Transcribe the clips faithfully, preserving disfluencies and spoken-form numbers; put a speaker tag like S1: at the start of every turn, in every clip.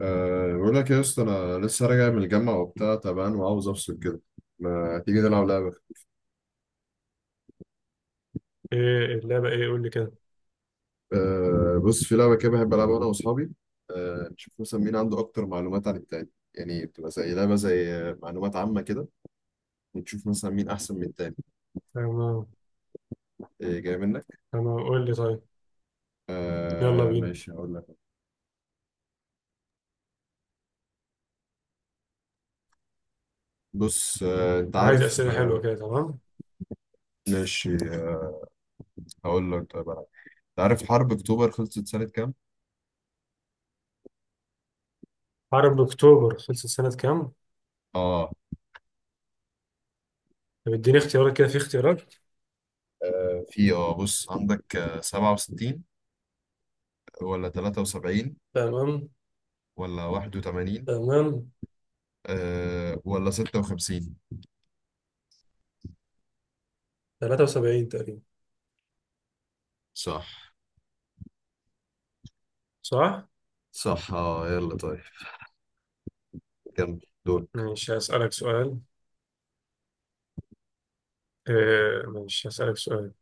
S1: أه بقول لك يا اسطى انا لسه راجع من الجامعه وبتاع تعبان وعاوز افصل كده. ما تيجي نلعب لعبه؟
S2: ايه اللعبة ايه قول لي كده.
S1: أه بص في لعبه كده بحب العبها انا واصحابي. أه نشوف مثلا مين عنده اكتر معلومات عن التاني، يعني بتبقى زي لعبه، زي آه، معلومات عامه كده. ونشوف مثلا مين احسن من التاني.
S2: تمام.
S1: أه جاي منك.
S2: تمام، قول لي طيب. يلا
S1: أه
S2: بينا.
S1: ماشي هقول لك. بص أه انت
S2: عايز
S1: عارف
S2: أسئلة حلوة
S1: أه
S2: كده، تمام.
S1: ماشي أه هقول لك طيب أنا. انت عارف حرب اكتوبر خلصت سنه كام؟
S2: حرب أكتوبر خلصت سنة كام؟
S1: اه.
S2: طب اديني اختيارات كده، في اختيارات.
S1: في اه بص عندك آه، سبعة وستين ولا تلاتة وسبعين
S2: تمام.
S1: ولا واحد وثمانين
S2: تمام.
S1: أه ولا ستة وخمسين.
S2: تلاتة وسبعين تقريبا.
S1: صح،
S2: صح؟
S1: صح، اه، يلا طيب. كمل دورك.
S2: ماشي، هسألك سؤال. آه ماشي، هسألك سؤال.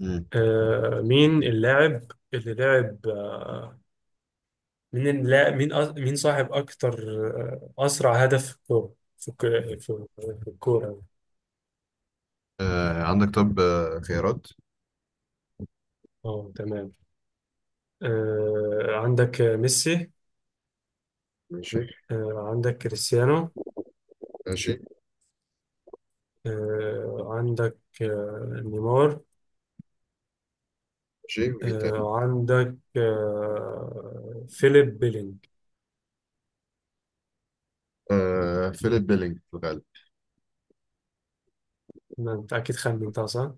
S1: مم.
S2: آه مين اللاعب اللي لعب، آه مين اللاعب، مين أ... مين صاحب أكتر. آه أسرع هدف في الكورة، في الك- في- في الكورة.
S1: أه عندك طب آه، خيارات.
S2: اه، تمام. آه، عندك ميسي.
S1: ماشي،
S2: آه، عندك كريستيانو.
S1: ماشي،
S2: آه، عندك آه، نيمار.
S1: ماشي. ومين تاني؟
S2: آه، عندك آه، فيليب بيلينج.
S1: أه فيليب بيلينج في الغالب.
S2: ما انت اكيد خمنتها صح.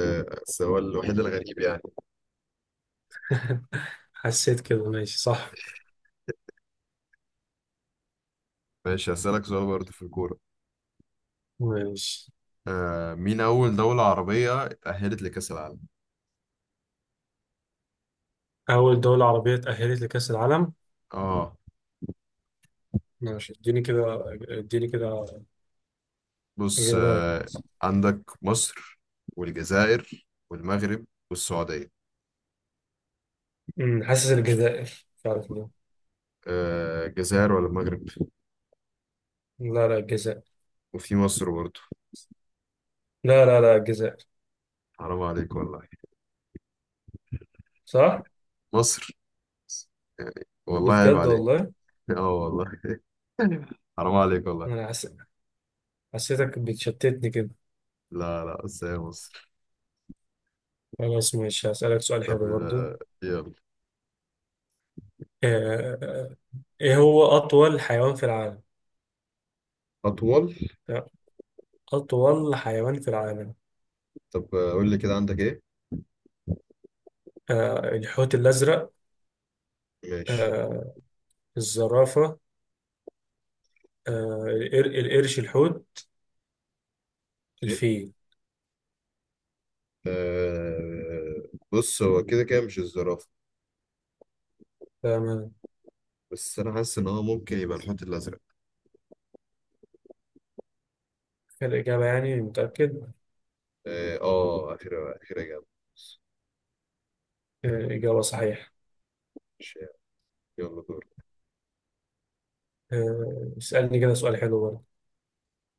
S1: آه، بس هو الوحيد الغريب يعني.
S2: حسيت كده، ماشي صح.
S1: ماشي هسألك سؤال برضه في الكورة.
S2: ماشي،
S1: أه مين أول دولة عربية تأهلت لكأس العالم؟
S2: اول دولة عربية تأهلت لكأس العالم.
S1: اه.
S2: ماشي، اديني كده، اديني كده
S1: بص
S2: اجابات.
S1: أه عندك مصر والجزائر والمغرب والسعودية.
S2: أمم، حاسس الجزائر، مش عارف ليه.
S1: أه الجزائر ولا المغرب.
S2: لا لا الجزائر.
S1: وفي مصر برضه.
S2: لا لا لا الجزائر.
S1: حرام عليك والله.
S2: صح.
S1: مصر. يعني والله عيب
S2: بجد
S1: عليك.
S2: والله.
S1: اه والله. حرام عليك والله.
S2: انا حس... حسيتك بتشتتني كده.
S1: لا، لا، بس هي مصر.
S2: خلاص، ماشي، هسألك سؤال حلو
S1: طب
S2: برضو. آه،
S1: آه، يلا.
S2: آه، آه، ايه هو أطول حيوان في العالم؟
S1: أطول.
S2: أطول حيوان في العالم.
S1: طب آه، قول لي كده عندك إيه.
S2: آه، الحوت الأزرق.
S1: ماشي.
S2: آه، الزرافة. آه، القر- القرش الحوت.
S1: شيء.
S2: الفيل.
S1: آه بص هو كده كده مش الزرافة.
S2: تمام.
S1: بس أنا حاسس إن هو ممكن يبقى الحوت الأزرق.
S2: الإجابة يعني، متأكد.
S1: آه آه، أخيرا أخيرا جامد.
S2: آه، إجابة صحيحة.
S1: ماشي، يلا دور.
S2: آه، اسألني كده سؤال حلو برضه.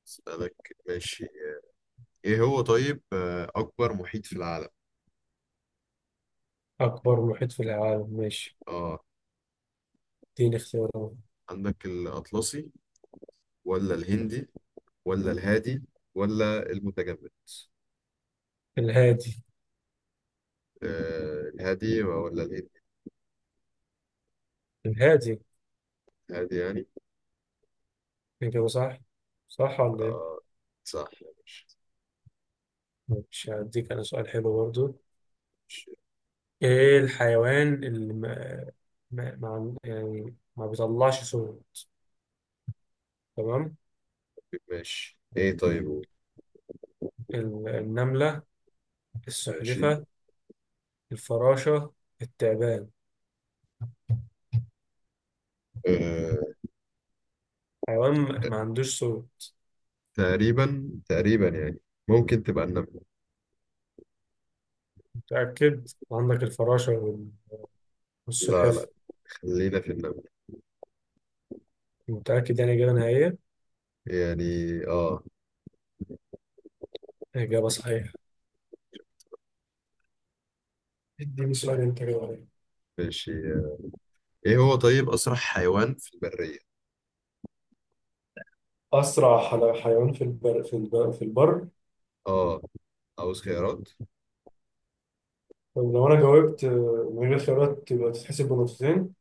S1: أسألك ماشي. إيه هو طيب آه، أكبر محيط في العالم؟
S2: أكبر محيط في العالم، ماشي.
S1: آه
S2: اديني اختيارات.
S1: عندك الأطلسي ولا الهندي ولا الهادي ولا المتجمد.
S2: الهادي.
S1: آه الهادي ولا الهندي.
S2: الهادي.
S1: الهادي يعني.
S2: إجابة صح. صح ولا إيه؟
S1: آه. صح يا باشا.
S2: مش هديك أنا سؤال حلو برضه.
S1: ماشي.
S2: ايه الحيوان اللي ما، ما ما- يعني ما بيطلعش صوت. تمام.
S1: ماشي ايه طيب.
S2: ال- النملة.
S1: ماشي.
S2: السلحفة. الفراشة. التعبان.
S1: آه.
S2: حيوان ما ما عندوش صوت.
S1: تقريبا تقريبا يعني ممكن تبقى النملة.
S2: متأكد، عندك الفراشة وال-
S1: لا، لا،
S2: والسلحفة.
S1: خلينا في النملة.
S2: متأكد يعني، إجابة نهائية.
S1: يعني اه.
S2: إجابة صحيحة. اديني سؤال انت كده عليا.
S1: ماشي. ايه هو طيب اسرع حيوان في البرية.
S2: أسرع حل- حيوان في البر، في البر في البر
S1: اه. عاوز خيارات.
S2: طب لو أنا جاوبت آه، من غير خيارات، تبقى تتحسب بنقطتين.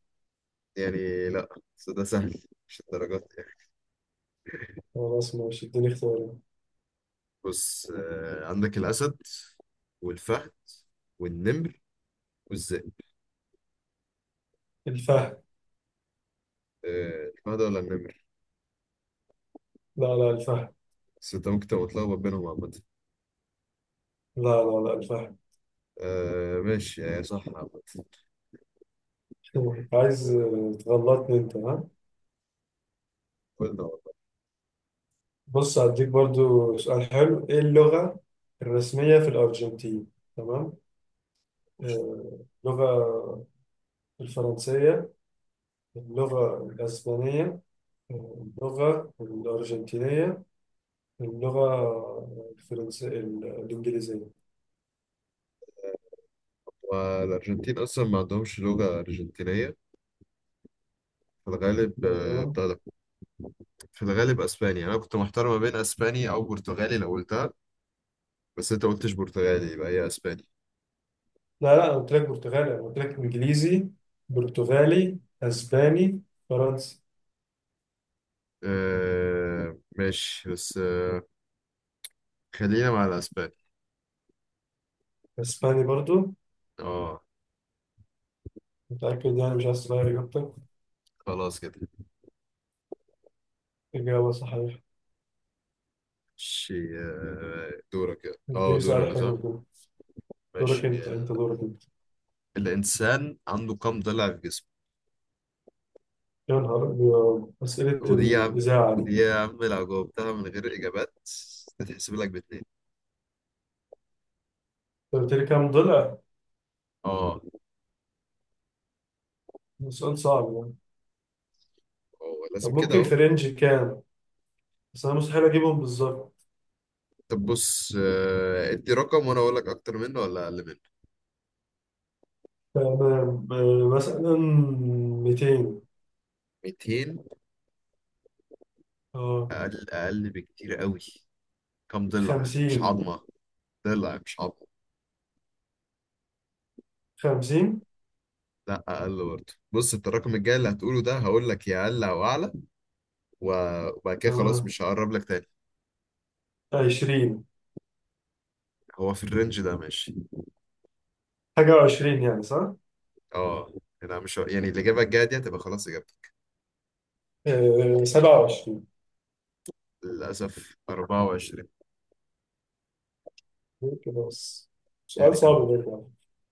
S1: يعني لا، بس ده سهل. مش الدرجات يعني.
S2: خلاص، ماشي، اديني اختيارات.
S1: بص آه عندك الأسد والفهد والنمر والذئب.
S2: الفهد.
S1: آه، الحمادة ولا النمر.
S2: لا لا الفهد.
S1: بس انت ممكن تبقى متلخبط بينهم عامة.
S2: لا لا لا الفهم.
S1: آه ماشي يعني صح عامة.
S2: عايز آه، تغلطني انت، ها.
S1: قلنا والله.
S2: بص، هديك برضو سؤال حلو. ايه اللغة الرسمية في الأرجنتين؟ تمام. آه، اللغة الفرنسية، اللغة الأسبانية، آه، اللغة الأرجنتينية، اللغة الفرنسية، الإنجليزية.
S1: والأرجنتين أصلا ما عندهمش لغة أرجنتينية. في الغالب آه،
S2: تمام.
S1: بتاع ده. في الغالب أسباني، يعني أنا كنت محتار ما بين أسباني أو برتغالي لو قلتها. بس أنت قلتش برتغالي، يبقى هي أسباني.
S2: لا لا، أنا قلت لك برتغالي، أنا قلت لك إنجليزي، برتغالي، أسباني، فرنسي.
S1: آه ماشي بس آه خلينا مع الأسباني.
S2: أسباني برضو.
S1: اه.
S2: متأكد يعني، مش عايز تغير إجابتك؟
S1: خلاص كده.
S2: إجابة صحيحة.
S1: ماشي آه، دورك اه
S2: اديني
S1: دور
S2: سؤال
S1: أنا صح.
S2: حلو كده. دورك
S1: ماشي.
S2: أنت أنت دورك أنت.
S1: الإنسان عنده كم ضلع في جسمه؟
S2: يا نهار أبيض، أسئلة
S1: ودي يا عم،
S2: الإذاعة دي
S1: ودي
S2: أنت.
S1: يا عم لو جاوبتها من غير إجابات تتحسب لك باتنين.
S2: قلت لي كام ضلع؟
S1: اه.
S2: سؤال صعب يعني.
S1: اه لازم
S2: طب
S1: كده
S2: ممكن
S1: اهو.
S2: في رينج كام؟ بس أنا مستحيل أجيبهم بالظبط.
S1: طب بص آه، ادي رقم وانا اقول لك اكتر منه ولا اقل منه.
S2: تمام. آه، مثلا ميتين.
S1: ميتين.
S2: أه.
S1: اقل، اقل بكتير قوي. كم ضلع مش
S2: خمسين.
S1: عظمه. ضلع مش عظمه.
S2: خمسين.
S1: لا اقل برضه. بص انت الرقم الجاي اللي هتقوله ده هقول لك يا اقل او اعلى. و- وبعد كده خلاص
S2: تمام.
S1: مش هقرب لك تاني.
S2: عشرين.
S1: هو في الرينج ده ماشي.
S2: حاجة عشرين يعني، صح؟
S1: اه. يعني انا مش ه- يعني الاجابه الجايه دي هتبقى خلاص اجابتك.
S2: آه، سبعة وعشرين.
S1: للاسف أربعة وعشرين.
S2: كده بس. سؤال
S1: يعني
S2: صعب
S1: كانوا
S2: برضه يعني.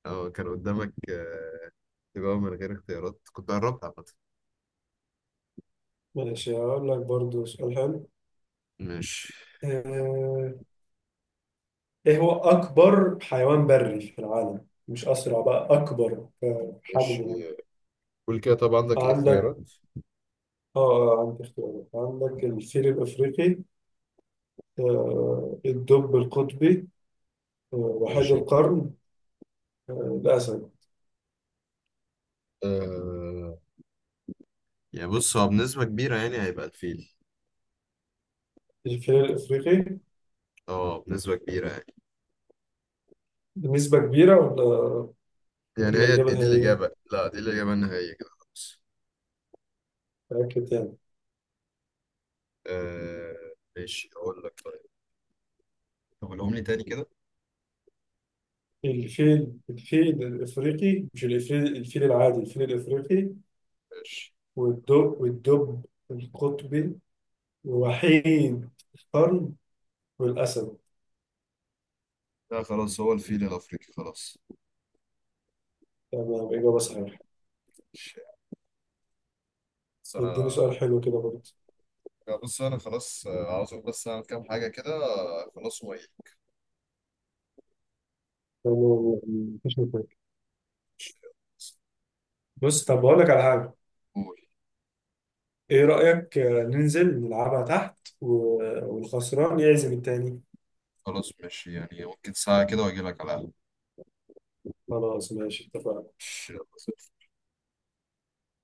S1: اه كان قدامك آه، تجاوب من غير اختيارات كنت قربت عامة.
S2: ماشي، هقول لك برضه سؤال حلو.
S1: ماشي.
S2: آه، ايه هو اكبر حيوان بري في العالم؟ مش اسرع بقى، اكبر آه،
S1: ماشي
S2: حجم يعني.
S1: قول كده طبعا عندك ايه
S2: عندك
S1: اختيارات.
S2: اه آه، عندك اختيارات. عندك الفيل الافريقي، آه، الدب القطبي، آه، وحيد
S1: ماشي.
S2: القرن، آه، الاسد.
S1: آه... يعني بص هو بنسبة كبيرة يعني هيبقى الفيل.
S2: الفيل الافريقي.
S1: اه بنسبة كبيرة يعني.
S2: بنسبة كبيرة ولا
S1: يعني
S2: ولا
S1: هي
S2: الاجابة
S1: دي دي
S2: النهائية؟
S1: الإجابة. لا دي الإجابة النهائية كده خلاص.
S2: متأكد تاني؟
S1: آه ماشي أقول لك طيب. طب قولهم لي تاني كده.
S2: الفيل، الفيل الافريقي، مش الفيل، الفيل العادي، الفيل الافريقي.
S1: ماشي.
S2: والدب والدب القطبي، وحيد القرن، والأسد.
S1: لا خلاص هو الفيل الأفريقي خلاص.
S2: تمام، إجابة صحيحة.
S1: ماشي. بس أنا.
S2: اديني سؤال حلو كده برضه.
S1: لا، بص أنا خلاص آه، عاوز أقول بس أعمل كام حاجة كده آه، خلاص وإيه.
S2: تمام، مفيش مشاكل.
S1: ماشي.
S2: بص، طب بقول لك على حاجة.
S1: قول.
S2: إيه رأيك آه، ننزل نلعبها تحت و- والخسران يعزم التاني؟
S1: خلاص ماشي يعني ممكن ساعة كده واجي لك على القهوة.
S2: خلاص، ماشي، اتفقنا.
S1: ماشي، يلا، سلام.